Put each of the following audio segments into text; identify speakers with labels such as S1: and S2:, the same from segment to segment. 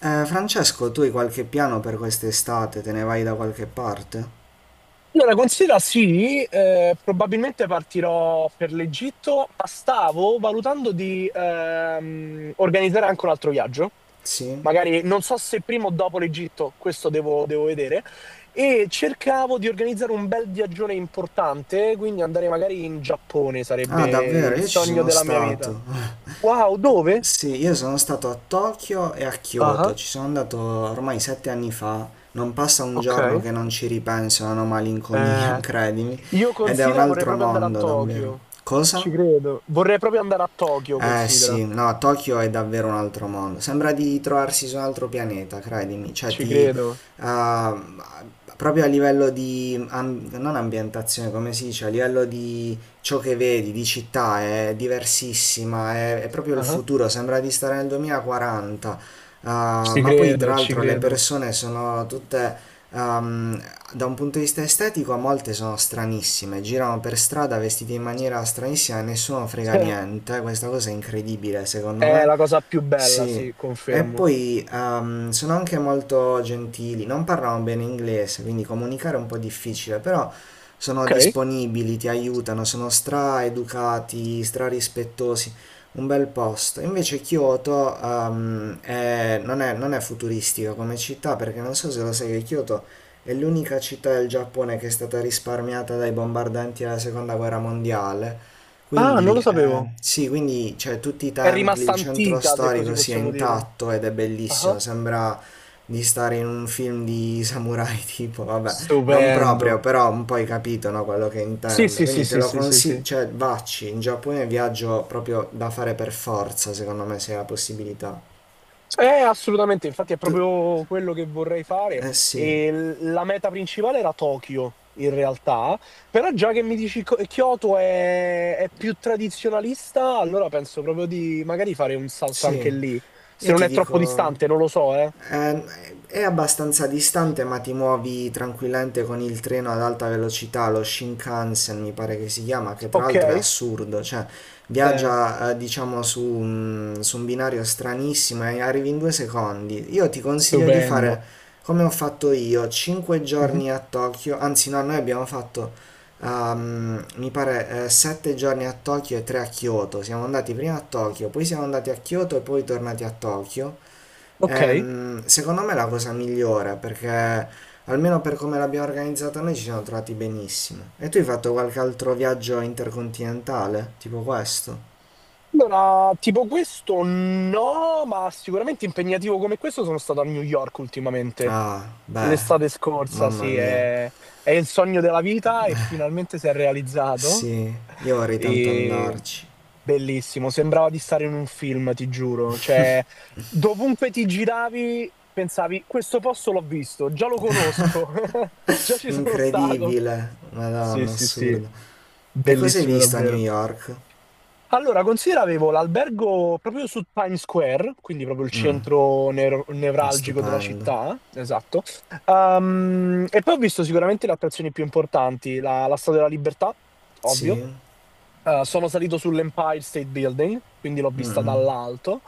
S1: Francesco, tu hai qualche piano per quest'estate? Te ne vai da qualche parte?
S2: Allora, considera sì, probabilmente partirò per l'Egitto, ma stavo valutando di organizzare anche un altro viaggio.
S1: Sì?
S2: Magari non so se prima o dopo l'Egitto, questo devo vedere. E cercavo di organizzare un bel viaggione importante, quindi andare magari in Giappone
S1: Ah,
S2: sarebbe
S1: davvero?
S2: il
S1: Io ci
S2: sogno
S1: sono
S2: della mia vita.
S1: stato.
S2: Wow, dove?
S1: Sì, io sono stato a Tokyo e a Kyoto.
S2: Ah,
S1: Ci sono andato ormai 7 anni fa. Non passa un giorno
S2: ok.
S1: che non ci ripenso, non ho malinconia,
S2: Eh,
S1: credimi.
S2: io
S1: Ed è un
S2: considera vorrei
S1: altro
S2: proprio andare a
S1: mondo, davvero.
S2: Tokyo.
S1: Cosa?
S2: Ci credo. Vorrei proprio andare a Tokyo,
S1: Eh
S2: considera.
S1: sì, no, Tokyo è davvero un altro mondo. Sembra di trovarsi su un altro pianeta, credimi. Cioè,
S2: Ci
S1: ti.
S2: credo.
S1: Ah, proprio a livello di. Non ambientazione, come si dice, a livello di ciò che vedi, di città, è diversissima. È proprio il
S2: Ah,
S1: futuro. Sembra di stare nel 2040.
S2: ci
S1: Ma poi tra
S2: credo, ci
S1: l'altro le
S2: credo.
S1: persone sono tutte, um, da un punto di vista estetico, molte sono stranissime, girano per strada vestite in maniera stranissima e nessuno frega niente, questa cosa è incredibile secondo
S2: È
S1: me.
S2: la cosa più bella,
S1: Sì,
S2: sì,
S1: e
S2: confermo.
S1: poi sono anche molto gentili, non parlano bene inglese, quindi comunicare è un po' difficile, però sono
S2: Ok.
S1: disponibili, ti aiutano, sono stra-educati, stra-rispettosi, un bel posto. Invece Kyoto non è futuristica come città, perché non so se lo sai che Kyoto è l'unica città del Giappone che è stata risparmiata dai bombardanti della Seconda Guerra Mondiale.
S2: Ah, non
S1: Quindi,
S2: lo sapevo.
S1: sì, quindi cioè, tutti i
S2: È
S1: templi,
S2: rimasta
S1: il centro
S2: antica, se così
S1: storico sia
S2: possiamo dire.
S1: intatto ed è
S2: Ah,
S1: bellissimo, sembra di stare in un film di samurai tipo, vabbè, non
S2: stupendo.
S1: proprio, però un po' hai capito, no, quello che
S2: Sì,
S1: intendo.
S2: sì, sì,
S1: Quindi te
S2: sì,
S1: lo
S2: sì, sì,
S1: consiglio,
S2: sì.
S1: cioè vacci, in Giappone è un viaggio proprio da fare per forza, secondo me, se hai la possibilità.
S2: Assolutamente, infatti è
S1: Tu,
S2: proprio quello che vorrei fare.
S1: eh sì,
S2: E la meta principale era Tokyo, in realtà, però già che mi dici Kyoto è più tradizionalista, allora penso proprio di magari fare un salto anche
S1: sì,
S2: lì. Se
S1: io
S2: non
S1: ti
S2: è troppo
S1: dico...
S2: distante, non lo so, eh.
S1: Eh, è abbastanza distante, ma ti muovi tranquillamente con il treno ad alta velocità, lo Shinkansen mi pare che si chiama, che tra l'altro è
S2: Ok?
S1: assurdo, cioè
S2: Eh,
S1: viaggia diciamo su un binario stranissimo e arrivi in 2 secondi. Io ti consiglio di
S2: Stupendo.
S1: fare come ho fatto io, 5
S2: Mhm.
S1: giorni a Tokyo, anzi no, noi abbiamo fatto mi pare 7 giorni a Tokyo e 3 a Kyoto, siamo andati prima a Tokyo, poi siamo andati a Kyoto e poi tornati a Tokyo.
S2: Ok.
S1: Secondo me è la cosa migliore perché almeno per come l'abbiamo organizzata noi ci siamo trovati benissimo. E tu hai fatto qualche altro viaggio intercontinentale? Tipo questo?
S2: Allora, tipo questo no, ma sicuramente impegnativo come questo sono stato a New York ultimamente.
S1: Ah, beh,
S2: L'estate scorsa,
S1: mamma
S2: sì,
S1: mia.
S2: è il sogno della vita e finalmente si è realizzato.
S1: Sì, io vorrei tanto
S2: E
S1: andarci.
S2: bellissimo, sembrava di stare in un film, ti giuro. Cioè, dovunque ti giravi, pensavi, questo posto l'ho visto, già lo conosco, già ci sono stato.
S1: Incredibile,
S2: Sì,
S1: madonna,
S2: sì, sì,
S1: assurdo. E cosa hai
S2: bellissimo
S1: visto a New
S2: davvero.
S1: York?
S2: Allora, considera avevo l'albergo proprio su Times Square, quindi proprio il centro
S1: Ma
S2: nevralgico della
S1: stupendo.
S2: città, esatto. E poi ho visto sicuramente le attrazioni più importanti, la Statua della Libertà, ovvio,
S1: Sì?
S2: sono salito sull'Empire State Building, quindi l'ho vista
S1: Mm-mm.
S2: dall'alto.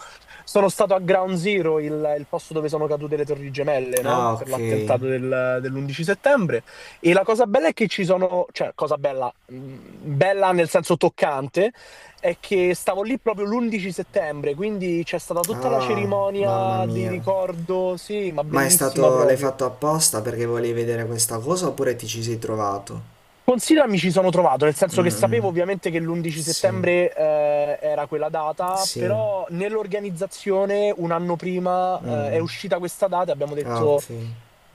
S2: Sono stato a Ground Zero, il posto dove sono cadute le Torri Gemelle, no?
S1: Ah,
S2: Per
S1: ok.
S2: l'attentato dell'11 settembre. E la cosa bella è che ci sono, cioè, cosa bella, bella nel senso toccante, è che stavo lì proprio l'11 settembre, quindi c'è stata tutta la
S1: Ah, mamma
S2: cerimonia di
S1: mia.
S2: ricordo, sì, ma
S1: Ma è
S2: bellissima
S1: stato, l'hai
S2: proprio.
S1: fatto apposta perché volevi vedere questa cosa oppure ti ci sei trovato?
S2: Considera mi ci sono trovato, nel senso che
S1: Mh-mh,
S2: sapevo ovviamente che l'11
S1: sì,
S2: settembre era quella data,
S1: sì,
S2: però nell'organizzazione un anno prima è
S1: mh,
S2: uscita questa data e abbiamo
S1: ah ok.
S2: detto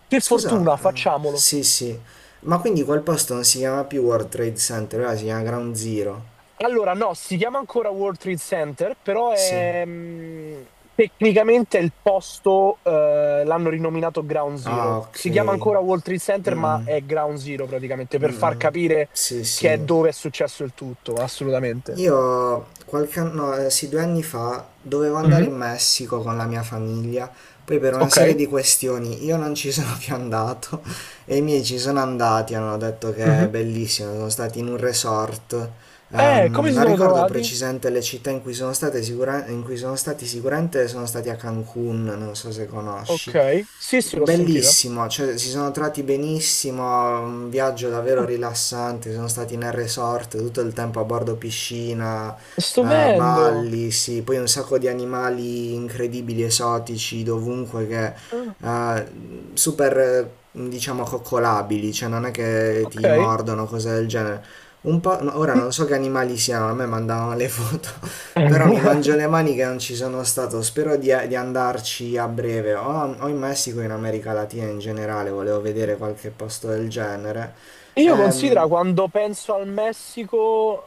S2: che
S1: Scusa,
S2: fortuna,
S1: ah,
S2: facciamolo.
S1: sì sì, ma quindi quel posto non si chiama più World Trade Center, ora si chiama Ground Zero?
S2: Allora no, si chiama ancora World Trade Center, però
S1: Sì.
S2: è, tecnicamente è il posto, l'hanno rinominato Ground
S1: Ah
S2: Zero.
S1: ok,
S2: Si chiama ancora World Trade Center, ma
S1: mh-mh,
S2: è Ground Zero praticamente, per far
S1: mh-mh,
S2: capire
S1: sì
S2: che è
S1: sì.
S2: dove è successo il tutto, assolutamente.
S1: Io qualche anno, sì, 2 anni fa dovevo andare
S2: Mhm.
S1: in Messico con la mia famiglia, poi per una
S2: Ok.
S1: serie di questioni io non ci sono più andato e i miei ci sono andati, hanno detto che è
S2: Mhm.
S1: bellissimo, sono stati in un resort.
S2: Come si
S1: Non
S2: siamo
S1: ricordo
S2: trovati?
S1: precisamente le città in cui sono state in cui sono stati, sicuramente sono stati a Cancun, non so se
S2: Ok.
S1: conosci.
S2: Sì, sì, l'ho sentita.
S1: Bellissimo, cioè si sono trovati benissimo, un viaggio davvero
S2: Ah,
S1: rilassante, sono stati nel resort tutto il tempo a bordo piscina,
S2: stupendo.
S1: balli, sì, poi un sacco di animali incredibili, esotici, dovunque che
S2: Ah,
S1: eh, super diciamo coccolabili, cioè non è che ti
S2: ok.
S1: mordono, cose del genere. Un po', no, ora non so che animali siano, a me mandavano le foto Però mi mangio le mani che non ci sono stato, spero di andarci a breve, o in Messico o in America Latina in generale, volevo vedere qualche posto del genere.
S2: Io considero
S1: Ehm,
S2: quando penso al Messico,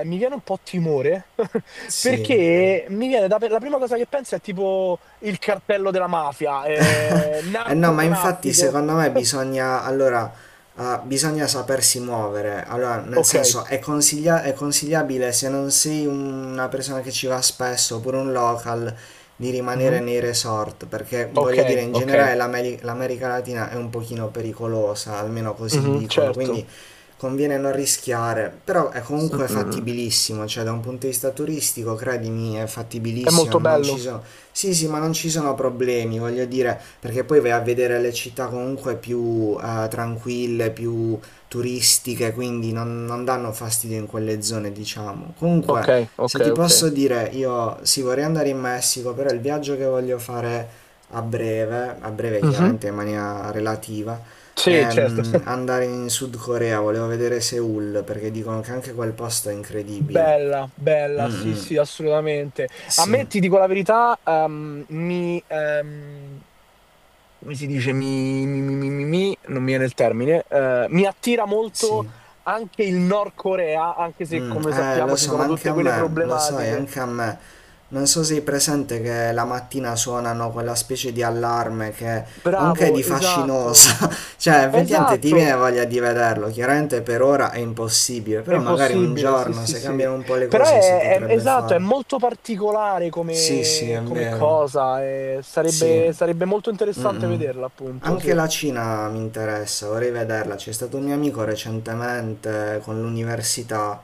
S2: mi viene un po' timore,
S1: sì,
S2: perché mi viene da, la prima cosa che penso è tipo il cartello della mafia,
S1: Eh no, ma infatti
S2: narcotraffico.
S1: secondo me bisogna, allora, bisogna sapersi muovere. Allora, nel
S2: Ok.
S1: senso, è, è consigliabile se non sei una persona che ci va spesso oppure un local di rimanere
S2: Mhm.
S1: nei resort, perché
S2: Ok,
S1: voglio dire, in
S2: ok.
S1: generale l'America Latina è un pochino pericolosa, almeno così
S2: Mhm,
S1: dicono,
S2: certo.
S1: quindi conviene non rischiare, però è
S2: Mm,
S1: comunque
S2: mm.
S1: fattibilissimo, cioè da un punto di vista turistico, credimi, è
S2: È
S1: fattibilissimo,
S2: molto
S1: non ci
S2: bello.
S1: sono... Sì, sì, ma non ci sono problemi, voglio dire, perché poi vai a vedere le città comunque più tranquille, più turistiche, quindi non danno fastidio in quelle zone, diciamo.
S2: Ok,
S1: Comunque,
S2: ok,
S1: se ti
S2: ok.
S1: posso dire, io sì, vorrei andare in Messico, però il viaggio che voglio fare a breve chiaramente in maniera relativa,
S2: Sì, certo.
S1: andare in Sud Corea, volevo vedere Seoul perché dicono che anche quel posto è incredibile.
S2: Bella, bella,
S1: Mm,
S2: sì,
S1: mm,
S2: sì, assolutamente. A
S1: sì,
S2: me, ti dico la verità, mi, come si dice, non mi viene il termine, mi attira molto
S1: sì.
S2: anche il Nord Corea, anche se,
S1: Mm,
S2: come sappiamo,
S1: lo
S2: ci
S1: so,
S2: sono
S1: ma anche
S2: tutte
S1: a
S2: quelle
S1: me, lo sai,
S2: problematiche.
S1: anche a me. Non so se hai presente che la mattina suonano quella specie di allarme che anche è
S2: Bravo,
S1: di
S2: esatto.
S1: fascinosa, cioè effettivamente ti
S2: Esatto,
S1: viene voglia di vederlo, chiaramente per ora è impossibile,
S2: è
S1: però magari un
S2: impossibile, sì,
S1: giorno
S2: sì,
S1: se
S2: sì.
S1: cambiano un po' le
S2: Però
S1: cose si potrebbe
S2: esatto, è
S1: fare.
S2: molto particolare
S1: Sì, sì,
S2: come,
S1: è vero.
S2: cosa. E
S1: Sì.
S2: sarebbe molto interessante
S1: Mm-mm.
S2: vederla, appunto,
S1: Anche
S2: sì.
S1: la Cina mi interessa, vorrei vederla. C'è stato un mio amico recentemente con l'università,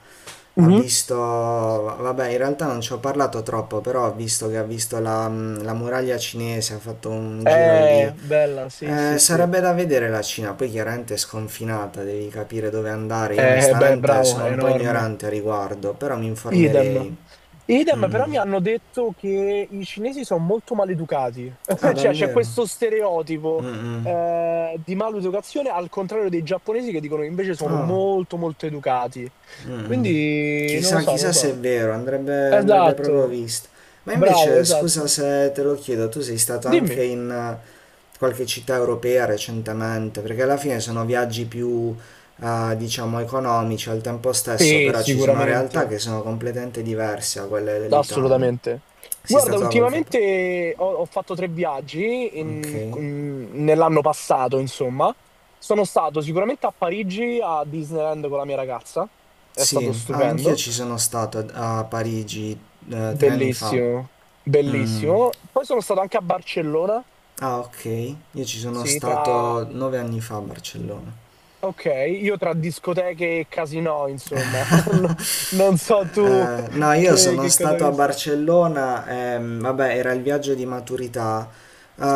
S1: ha
S2: Mhm.
S1: visto, vabbè, in realtà non ci ho parlato troppo, però ho visto che ha visto la, mm, la muraglia cinese, ha fatto un giro
S2: È
S1: lì.
S2: bella, sì, sì, sì.
S1: Sarebbe da vedere la Cina, poi chiaramente è sconfinata, devi capire dove andare. Io
S2: Beh,
S1: onestamente
S2: bravo,
S1: sono
S2: è
S1: un po'
S2: enorme.
S1: ignorante a riguardo, però mi
S2: Idem.
S1: informerei.
S2: Idem, però
S1: Mm-mm.
S2: mi hanno detto che i cinesi sono molto maleducati,
S1: Ah,
S2: cioè c'è
S1: davvero?
S2: questo stereotipo
S1: Mm-mm.
S2: di maleducazione al contrario dei giapponesi che dicono che invece sono
S1: Ah.
S2: molto molto educati.
S1: Mm.
S2: Quindi non lo
S1: Chissà,
S2: so, non lo
S1: chissà se è
S2: so.
S1: vero, andrebbe, andrebbe proprio
S2: Esatto,
S1: visto. Ma
S2: bravo,
S1: invece, scusa
S2: esatto.
S1: se te lo chiedo, tu sei stato anche
S2: Dimmi.
S1: in qualche città europea recentemente, perché alla fine sono viaggi più, diciamo, economici al tempo stesso,
S2: Sì,
S1: però ci sono realtà
S2: sicuramente.
S1: che sono completamente diverse da quelle dell'Italia.
S2: Assolutamente.
S1: Sei
S2: Guarda,
S1: stato da qualche parte?
S2: ultimamente ho fatto 3 viaggi
S1: Ok.
S2: nell'anno passato, insomma. Sono stato sicuramente a Parigi, a Disneyland con la mia ragazza. È
S1: Sì,
S2: stato
S1: ah, anch'io
S2: stupendo.
S1: ci sono stato a a Parigi 3 anni fa.
S2: Bellissimo,
S1: Mm.
S2: bellissimo. Poi sono stato anche a Barcellona.
S1: Ah, ok. Io ci sono
S2: Sì.
S1: stato 9 anni fa a Barcellona.
S2: Ok, io tra discoteche e casinò, insomma. Non, non so tu
S1: No, io sono
S2: che cosa hai
S1: stato a
S2: visto.
S1: Barcellona, vabbè, era il viaggio di maturità.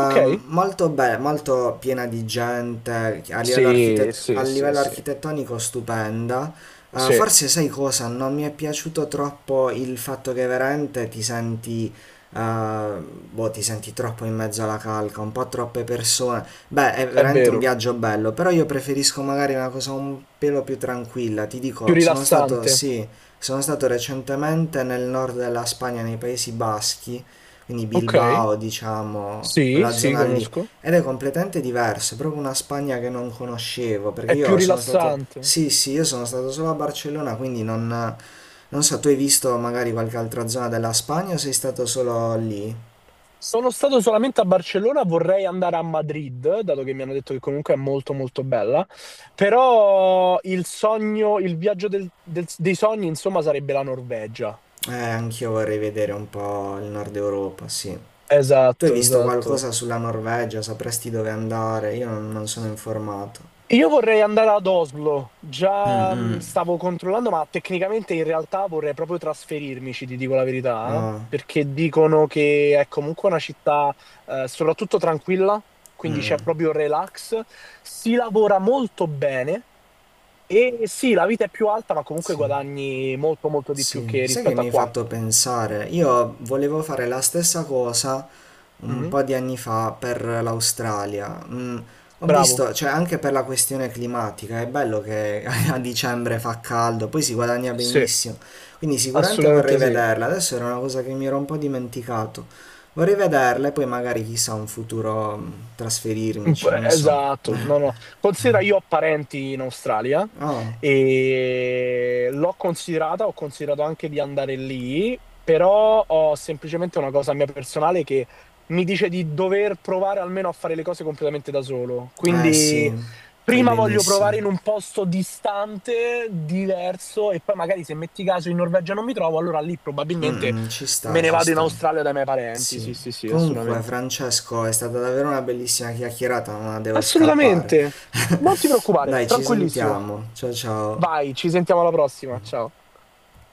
S2: Ok.
S1: Molto bella, molto piena di gente, a livello
S2: Sì,
S1: a
S2: sì, sì,
S1: livello
S2: sì.
S1: architettonico stupenda.
S2: Sì,
S1: Forse sai cosa? Non mi è piaciuto troppo il fatto che veramente ti senti eh, boh, ti senti troppo in mezzo alla calca, un po' troppe persone. Beh, è
S2: è
S1: veramente un
S2: vero.
S1: viaggio bello, però io preferisco magari una cosa un pelo più tranquilla. Ti
S2: Più
S1: dico, sono stato,
S2: rilassante.
S1: sì, sono stato recentemente nel nord della Spagna, nei Paesi Baschi, quindi
S2: Ok.
S1: Bilbao, diciamo,
S2: Sì,
S1: quella
S2: sì,
S1: zona lì.
S2: conosco.
S1: Ed è completamente diverso, è proprio una Spagna che non conoscevo, perché
S2: È più
S1: io sono stato,
S2: rilassante.
S1: sì, sì, io sono stato solo a Barcellona, quindi non... Non so, tu hai visto magari qualche altra zona della Spagna o sei stato solo lì?
S2: Sono stato solamente a Barcellona, vorrei andare a Madrid, dato che mi hanno detto che comunque è molto molto bella, però il sogno, il viaggio dei sogni, insomma, sarebbe la Norvegia.
S1: Anch'io vorrei vedere un po' il nord Europa, sì. Tu hai
S2: Esatto,
S1: visto
S2: esatto.
S1: qualcosa sulla Norvegia? Sapresti dove andare? Io non sono informato.
S2: Io vorrei andare ad Oslo,
S1: Mm,
S2: già
S1: mm.
S2: stavo controllando, ma tecnicamente in realtà vorrei proprio trasferirmici, ti dico la verità,
S1: Ah,
S2: perché dicono che è comunque una città soprattutto tranquilla,
S1: mm,
S2: quindi
S1: mm,
S2: c'è proprio relax, si lavora molto bene e sì, la vita è più alta, ma comunque
S1: sì,
S2: guadagni molto molto di più
S1: sì.
S2: che
S1: Sai che
S2: rispetto a
S1: mi hai
S2: qua.
S1: fatto pensare? Io volevo fare la stessa cosa, un
S2: Mhm.
S1: po' di anni fa per l'Australia. Mm, ho
S2: Bravo,
S1: visto, cioè anche per la questione climatica, è bello che a dicembre fa caldo, poi si guadagna
S2: sì,
S1: benissimo. Quindi sicuramente vorrei
S2: assolutamente sì.
S1: vederla. Adesso era una cosa che mi ero un po' dimenticato. Vorrei vederla e poi magari chissà un futuro mm, trasferirmici, non so.
S2: Esatto, no, no. Considera, io ho parenti in Australia
S1: Oh,
S2: e l'ho considerata, ho considerato anche di andare lì, però ho semplicemente una cosa mia personale che mi dice di dover provare almeno a fare le cose completamente da solo.
S1: eh
S2: Quindi
S1: sì, fai
S2: prima voglio provare
S1: benissimo.
S2: in un posto distante, diverso, e poi magari se metti caso in Norvegia non mi trovo, allora lì
S1: Mm,
S2: probabilmente
S1: mm, ci
S2: me
S1: sta,
S2: ne
S1: ci
S2: vado in
S1: sta.
S2: Australia dai miei parenti.
S1: Sì.
S2: Sì, sì, sì,
S1: Comunque,
S2: assolutamente.
S1: Francesco, è stata davvero una bellissima chiacchierata, ma devo scappare.
S2: Assolutamente. Non ti preoccupare,
S1: Dai, ci
S2: tranquillissimo.
S1: sentiamo. Ciao ciao.
S2: Vai, ci sentiamo alla prossima. Ciao.